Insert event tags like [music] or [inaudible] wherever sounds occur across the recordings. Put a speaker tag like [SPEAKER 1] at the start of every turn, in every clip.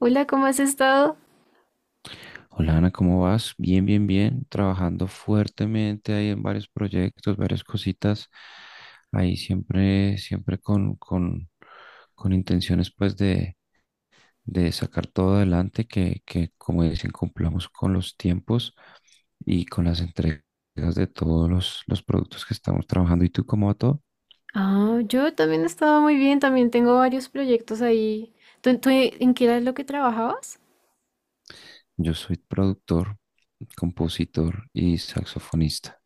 [SPEAKER 1] Hola, ¿cómo has estado?
[SPEAKER 2] Hola Ana, ¿cómo vas? Bien, bien, bien. Trabajando fuertemente ahí en varios proyectos, varias cositas. Ahí siempre, siempre con intenciones pues de sacar todo adelante, que como dicen, cumplamos con los tiempos y con las entregas de todos los productos que estamos trabajando. ¿Y tú cómo va todo?
[SPEAKER 1] Ah, yo también he estado muy bien, también tengo varios proyectos ahí. ¿Tú ¿en qué era lo que trabajabas?
[SPEAKER 2] Yo soy productor, compositor y saxofonista.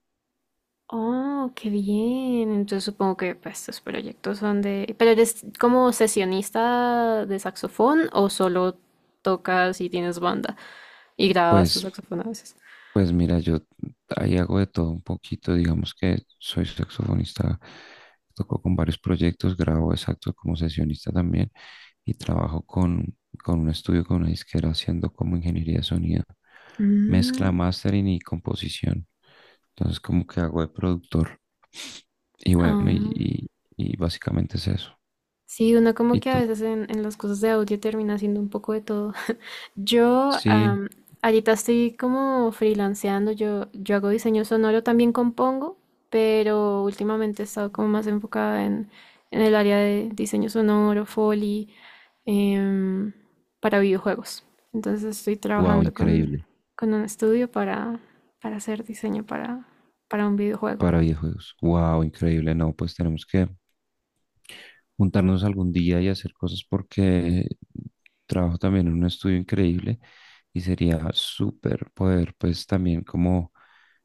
[SPEAKER 1] Oh, qué bien. Entonces supongo que pues, estos proyectos son de... ¿Pero eres como sesionista de saxofón o solo tocas y tienes banda y grabas tu
[SPEAKER 2] Pues
[SPEAKER 1] saxofón a veces?
[SPEAKER 2] Pues mira, yo ahí hago de todo un poquito, digamos que soy saxofonista, toco con varios proyectos, grabo exacto como sesionista también y trabajo con un estudio, con una disquera haciendo como ingeniería de sonido, mezcla,
[SPEAKER 1] Mm,
[SPEAKER 2] mastering y composición. Entonces como que hago de productor y bueno,
[SPEAKER 1] ah.
[SPEAKER 2] y y básicamente es eso.
[SPEAKER 1] Sí, uno como
[SPEAKER 2] ¿Y
[SPEAKER 1] que a
[SPEAKER 2] tú?
[SPEAKER 1] veces en, en las cosas de audio termina haciendo un poco de todo. [laughs] Yo
[SPEAKER 2] Sí,
[SPEAKER 1] am, ahorita estoy como freelanceando, yo hago diseño sonoro, también compongo, pero últimamente he estado como más enfocada en el área de diseño sonoro, Foley, em, para videojuegos. Entonces estoy
[SPEAKER 2] wow,
[SPEAKER 1] trabajando
[SPEAKER 2] increíble.
[SPEAKER 1] con un estudio para hacer diseño para un videojuego.
[SPEAKER 2] Para videojuegos, wow, increíble, no, pues tenemos que juntarnos algún día y hacer cosas porque trabajo también en un estudio increíble y sería súper poder pues también como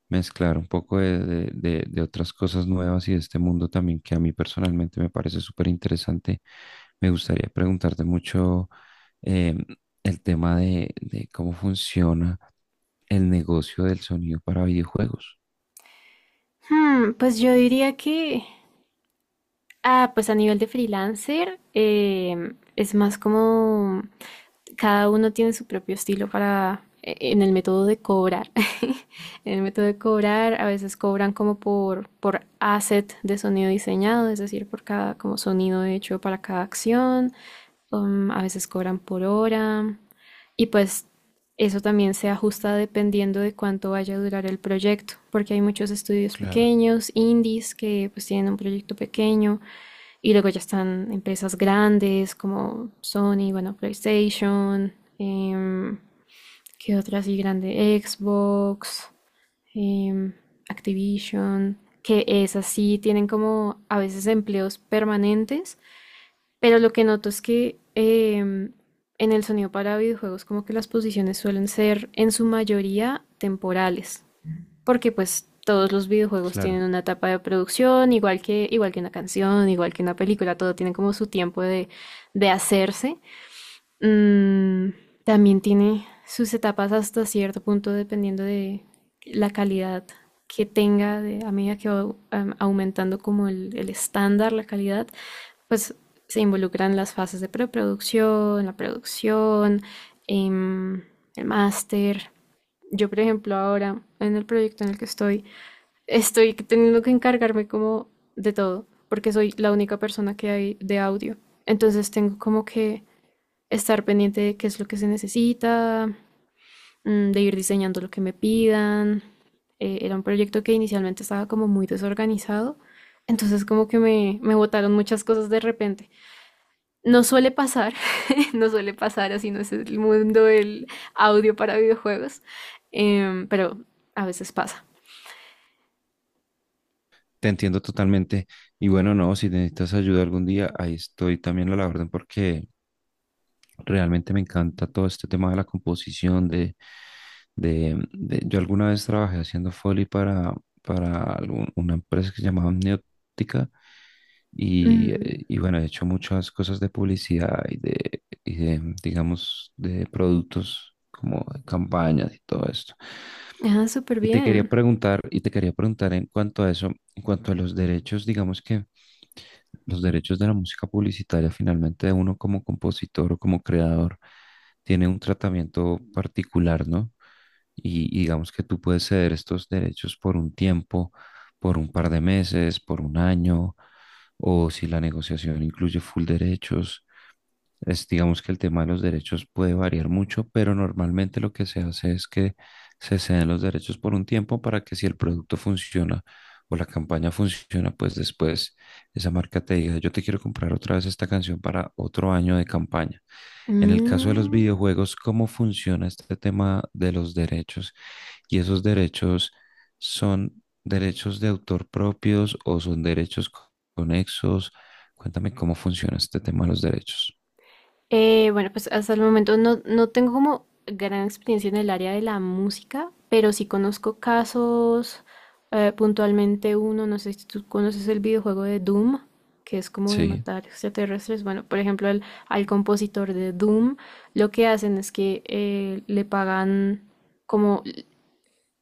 [SPEAKER 2] mezclar un poco de, de otras cosas nuevas y de este mundo también que a mí personalmente me parece súper interesante. Me gustaría preguntarte mucho em, el tema de cómo funciona el negocio del sonido para videojuegos.
[SPEAKER 1] Pues yo diría que... Ah, pues a nivel de freelancer, es más como cada uno tiene su propio estilo para en el método de cobrar. [laughs] En el método de cobrar, a veces cobran como por asset de sonido diseñado, es decir, por cada como sonido hecho para cada acción. A veces cobran por hora. Y pues eso también se ajusta dependiendo de cuánto vaya a durar el proyecto, porque hay muchos estudios
[SPEAKER 2] Claro,
[SPEAKER 1] pequeños, indies, que pues tienen un proyecto pequeño, y luego ya están empresas grandes como Sony, bueno, PlayStation, em, ¿qué otra así grande? Xbox, em, Activision, que esas sí tienen como a veces empleos permanentes, pero lo que noto es que en el sonido para videojuegos como que las posiciones suelen ser en su mayoría temporales porque pues todos los videojuegos tienen
[SPEAKER 2] claro.
[SPEAKER 1] una etapa de producción, igual que una canción, igual que una película, todo tiene como su tiempo de hacerse. Mm, también tiene sus etapas hasta cierto punto dependiendo de la calidad que tenga de, a medida que va aumentando como el estándar, la calidad, pues se involucran las fases de preproducción, la producción, em, el máster. Yo, por ejemplo, ahora en el proyecto en el que estoy, estoy teniendo que encargarme como de todo, porque soy la única persona que hay de audio. Entonces tengo como que estar pendiente de qué es lo que se necesita, mm, de ir diseñando lo que me pidan. Era un proyecto que inicialmente estaba como muy desorganizado, entonces como que me botaron muchas cosas de repente. No suele pasar, [laughs] no suele pasar, así no es el mundo del audio para videojuegos, pero a veces pasa.
[SPEAKER 2] Te entiendo totalmente. Y bueno, no, si necesitas ayuda algún día, ahí estoy también a la orden porque realmente me encanta todo este tema de la composición, de, yo alguna vez trabajé haciendo Foley para una empresa que se llamaba Amniótica
[SPEAKER 1] Ujú.
[SPEAKER 2] y bueno, he hecho muchas cosas de publicidad y de, digamos, de productos como de campañas y todo esto.
[SPEAKER 1] Ah, súper
[SPEAKER 2] Y te quería
[SPEAKER 1] bien.
[SPEAKER 2] preguntar, y te quería preguntar en cuanto a eso, en cuanto a los derechos, digamos que los derechos de la música publicitaria, finalmente uno como compositor o como creador tiene un tratamiento particular, ¿no? Y digamos que tú puedes ceder estos derechos por un tiempo, por un par de meses, por un año, o si la negociación incluye full derechos. Es, digamos que el tema de los derechos puede variar mucho, pero normalmente lo que se hace es que se ceden los derechos por un tiempo para que si el producto funciona o la campaña funciona, pues después esa marca te diga, yo te quiero comprar otra vez esta canción para otro año de campaña. En el caso de los
[SPEAKER 1] Mm.
[SPEAKER 2] videojuegos, ¿cómo funciona este tema de los derechos? ¿Y esos derechos son derechos de autor propios o son derechos conexos? Cuéntame cómo funciona este tema de los derechos.
[SPEAKER 1] Bueno, pues hasta el momento no tengo como gran experiencia en el área de la música, pero sí conozco casos, puntualmente uno, no sé si tú conoces el videojuego de Doom, que es como de
[SPEAKER 2] Sí,
[SPEAKER 1] matar extraterrestres. Bueno, por ejemplo, al compositor de Doom, lo que hacen es que le pagan como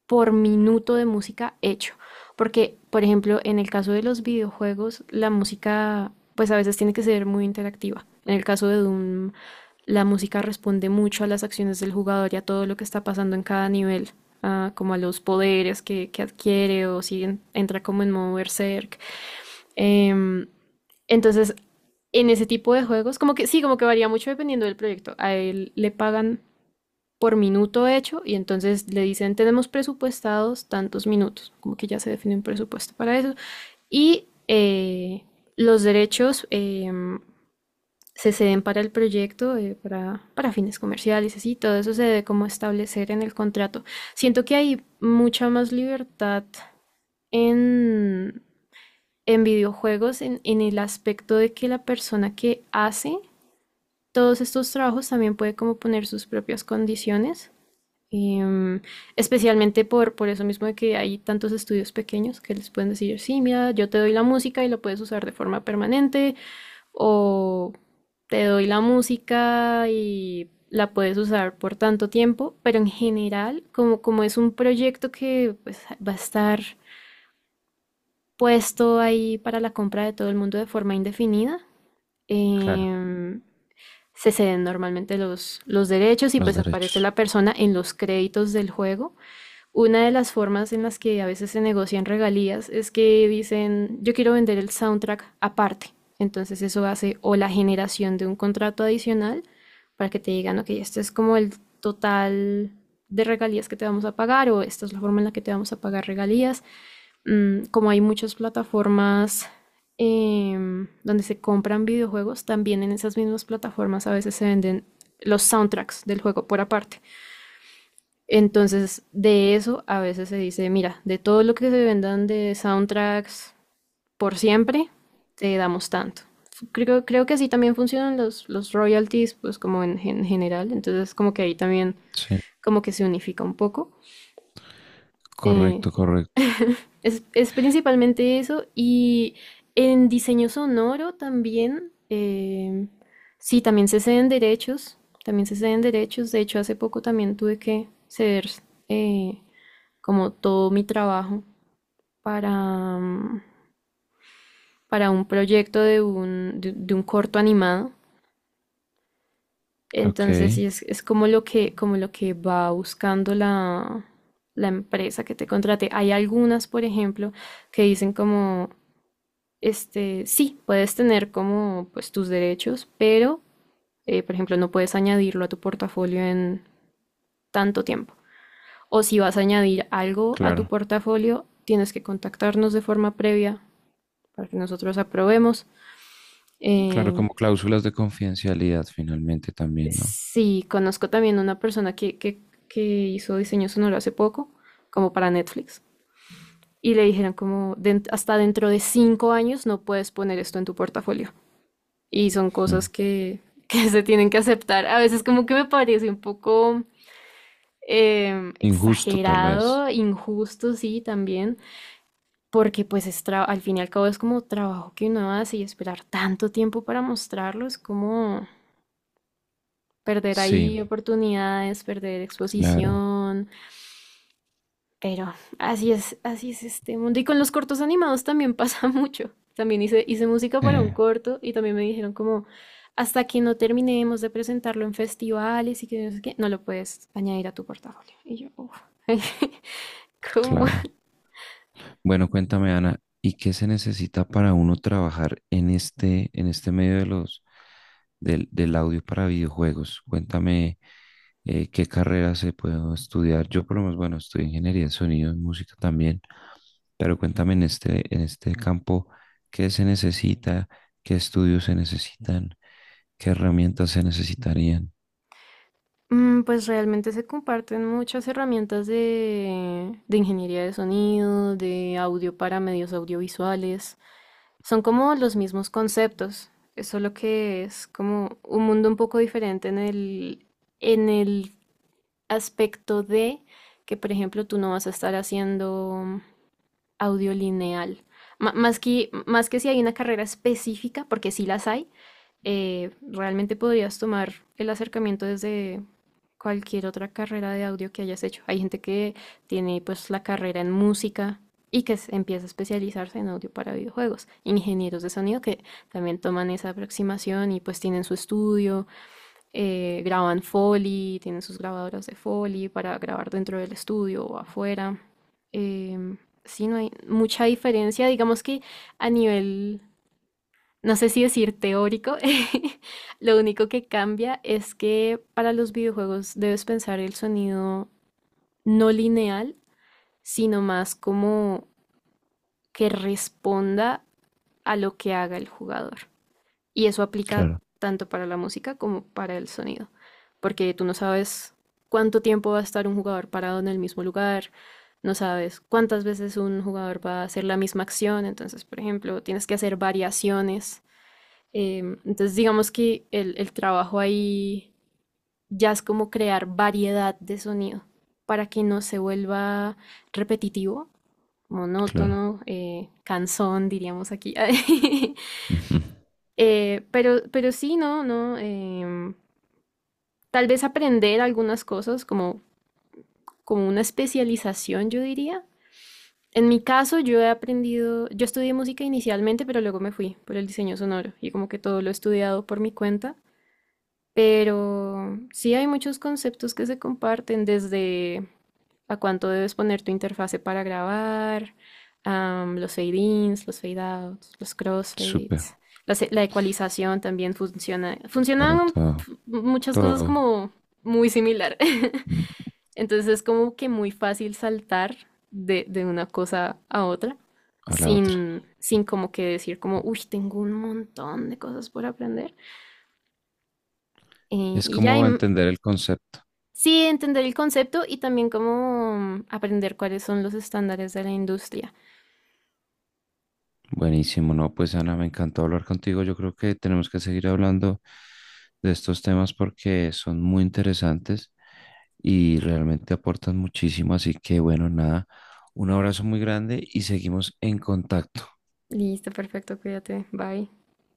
[SPEAKER 1] por minuto de música hecho. Porque, por ejemplo, en el caso de los videojuegos, la música pues a veces tiene que ser muy interactiva. En el caso de Doom, la música responde mucho a las acciones del jugador y a todo lo que está pasando en cada nivel, ah, como a los poderes que adquiere o si entra como en modo berserk. Em, entonces, en ese tipo de juegos, como que sí, como que varía mucho dependiendo del proyecto. A él le pagan por minuto hecho y entonces le dicen tenemos presupuestados tantos minutos, como que ya se define un presupuesto para eso. Y los derechos se ceden para el proyecto, para fines comerciales, así, todo eso se debe como establecer en el contrato. Siento que hay mucha más libertad en, en videojuegos en el aspecto de que la persona que hace todos estos trabajos también puede como poner sus propias condiciones. Em, Especialmente por eso mismo de que hay tantos estudios pequeños que les pueden decir, sí, mira, yo te doy la música y la puedes usar de forma permanente, o te doy la música y la puedes usar por tanto tiempo, pero en general, como, como es un proyecto que pues, va a estar puesto ahí para la compra de todo el mundo de forma indefinida,
[SPEAKER 2] claro.
[SPEAKER 1] em, se ceden normalmente los derechos y
[SPEAKER 2] Los
[SPEAKER 1] pues aparece
[SPEAKER 2] derechos.
[SPEAKER 1] la persona en los créditos del juego. Una de las formas en las que a veces se negocian regalías es que dicen, yo quiero vender el soundtrack aparte. Entonces eso hace o la generación de un contrato adicional para que te digan, ok, este es como el total de regalías que te vamos a pagar o esta es la forma en la que te vamos a pagar regalías. Mm, como hay muchas plataformas donde se compran videojuegos, también en esas mismas plataformas a veces se venden los soundtracks del juego por aparte. Entonces, de eso a veces se dice, mira, de todo lo que se vendan de soundtracks por siempre, te damos tanto. Creo que así también funcionan los royalties, pues como en general. Entonces, como que ahí también
[SPEAKER 2] Sí,
[SPEAKER 1] como que se unifica un poco.
[SPEAKER 2] correcto,
[SPEAKER 1] Sí.
[SPEAKER 2] correcto.
[SPEAKER 1] [laughs] Es principalmente eso. Y en diseño sonoro también, sí, también se ceden derechos, también se ceden derechos. De hecho, hace poco también tuve que ceder eh, como todo mi trabajo para, para un proyecto de un, de un corto animado.
[SPEAKER 2] Ok,
[SPEAKER 1] Entonces, sí, es como lo que va buscando la, la empresa que te contrate. Hay algunas, por ejemplo, que dicen como, este, sí, puedes tener como pues tus derechos, pero, por ejemplo, no puedes añadirlo a tu portafolio en tanto tiempo. O si vas a añadir algo a tu
[SPEAKER 2] claro.
[SPEAKER 1] portafolio, tienes que contactarnos de forma previa para que nosotros aprobemos.
[SPEAKER 2] Claro,
[SPEAKER 1] Eh,
[SPEAKER 2] como cláusulas de confidencialidad finalmente también, ¿no?
[SPEAKER 1] sí, conozco también una persona que hizo diseño sonoro hace poco, como para Netflix, y le dijeron como "Den- hasta dentro de 5 años no puedes poner esto en tu portafolio". Y son cosas
[SPEAKER 2] Mm.
[SPEAKER 1] que [laughs] se tienen que aceptar. A veces como que me parece un poco
[SPEAKER 2] Injusto tal vez.
[SPEAKER 1] exagerado, injusto, sí, también, porque pues es al fin y al cabo es como trabajo que uno hace y esperar tanto tiempo para mostrarlo, es como... Perder
[SPEAKER 2] Sí,
[SPEAKER 1] ahí oportunidades, perder
[SPEAKER 2] claro.
[SPEAKER 1] exposición, pero así es este mundo. Y con los cortos animados también pasa [laughs] mucho. También hice música para
[SPEAKER 2] Sí,
[SPEAKER 1] un corto y también me dijeron como, hasta que no terminemos de presentarlo en festivales y que no sé qué, no lo puedes añadir a tu portafolio. Y yo, uff, [laughs] ¿cómo?
[SPEAKER 2] claro. Bueno, cuéntame, Ana, ¿y qué se necesita para uno trabajar en este medio de los, del, del audio para videojuegos? Cuéntame, qué carrera se puede estudiar. Yo por lo menos, bueno, estudio ingeniería de sonido, en música también, pero cuéntame en este campo, ¿qué se necesita? ¿Qué estudios se necesitan? ¿Qué herramientas se necesitarían?
[SPEAKER 1] Mm, pues realmente se comparten muchas herramientas de ingeniería de sonido, de audio para medios audiovisuales. Son como los mismos conceptos, es solo que es como un mundo un poco diferente en en el aspecto de que, por ejemplo, tú no vas a estar haciendo audio lineal. Más que más que si hay una carrera específica, porque sí las hay, realmente podrías tomar el acercamiento desde cualquier otra carrera de audio que hayas hecho. Hay gente que tiene pues la carrera en música y que empieza a especializarse en audio para videojuegos. Ingenieros de sonido que también toman esa aproximación y pues tienen su estudio, graban Foley, tienen sus grabadoras de Foley para grabar dentro del estudio o afuera. Em, sí, no hay mucha diferencia. Digamos que a nivel no sé si decir teórico, [laughs] lo único que cambia es que para los videojuegos debes pensar el sonido no lineal, sino más como que responda a lo que haga el jugador. Y eso aplica
[SPEAKER 2] Claro,
[SPEAKER 1] tanto para la música como para el sonido, porque tú no sabes cuánto tiempo va a estar un jugador parado en el mismo lugar, no sabes cuántas veces un jugador va a hacer la misma acción, entonces, por ejemplo, tienes que hacer variaciones. Entonces digamos que el trabajo ahí ya es como crear variedad de sonido para que no se vuelva repetitivo,
[SPEAKER 2] claro.
[SPEAKER 1] monótono, cansón, diríamos aquí. [laughs]
[SPEAKER 2] Ujú.
[SPEAKER 1] Pero sí, no, no. Tal vez aprender algunas cosas como, como una especialización, yo diría. En mi caso, yo he aprendido, yo estudié música inicialmente, pero luego me fui por el diseño sonoro y como que todo lo he estudiado por mi cuenta. Pero sí hay muchos conceptos que se comparten desde a cuánto debes poner tu interfase para grabar, los fade-ins, los fade-outs, los
[SPEAKER 2] Súper,
[SPEAKER 1] crossfades, la ecualización también funciona.
[SPEAKER 2] claro,
[SPEAKER 1] Funcionan
[SPEAKER 2] todo,
[SPEAKER 1] muchas cosas
[SPEAKER 2] todo
[SPEAKER 1] como muy similar. [laughs] Entonces es como que muy fácil saltar de una cosa a otra
[SPEAKER 2] a la otra.
[SPEAKER 1] sin, sin como que decir como, uy, tengo un montón de cosas por aprender. Eh,
[SPEAKER 2] Es
[SPEAKER 1] y ya, y
[SPEAKER 2] como entender el concepto.
[SPEAKER 1] Sí, entender el concepto y también cómo mm, aprender cuáles son los estándares de la industria.
[SPEAKER 2] Buenísimo, no, pues Ana, me encantó hablar contigo. Yo creo que tenemos que seguir hablando de estos temas porque son muy interesantes y realmente aportan muchísimo. Así que bueno, nada, un abrazo muy grande y seguimos en contacto.
[SPEAKER 1] Listo, perfecto, cuídate, bye.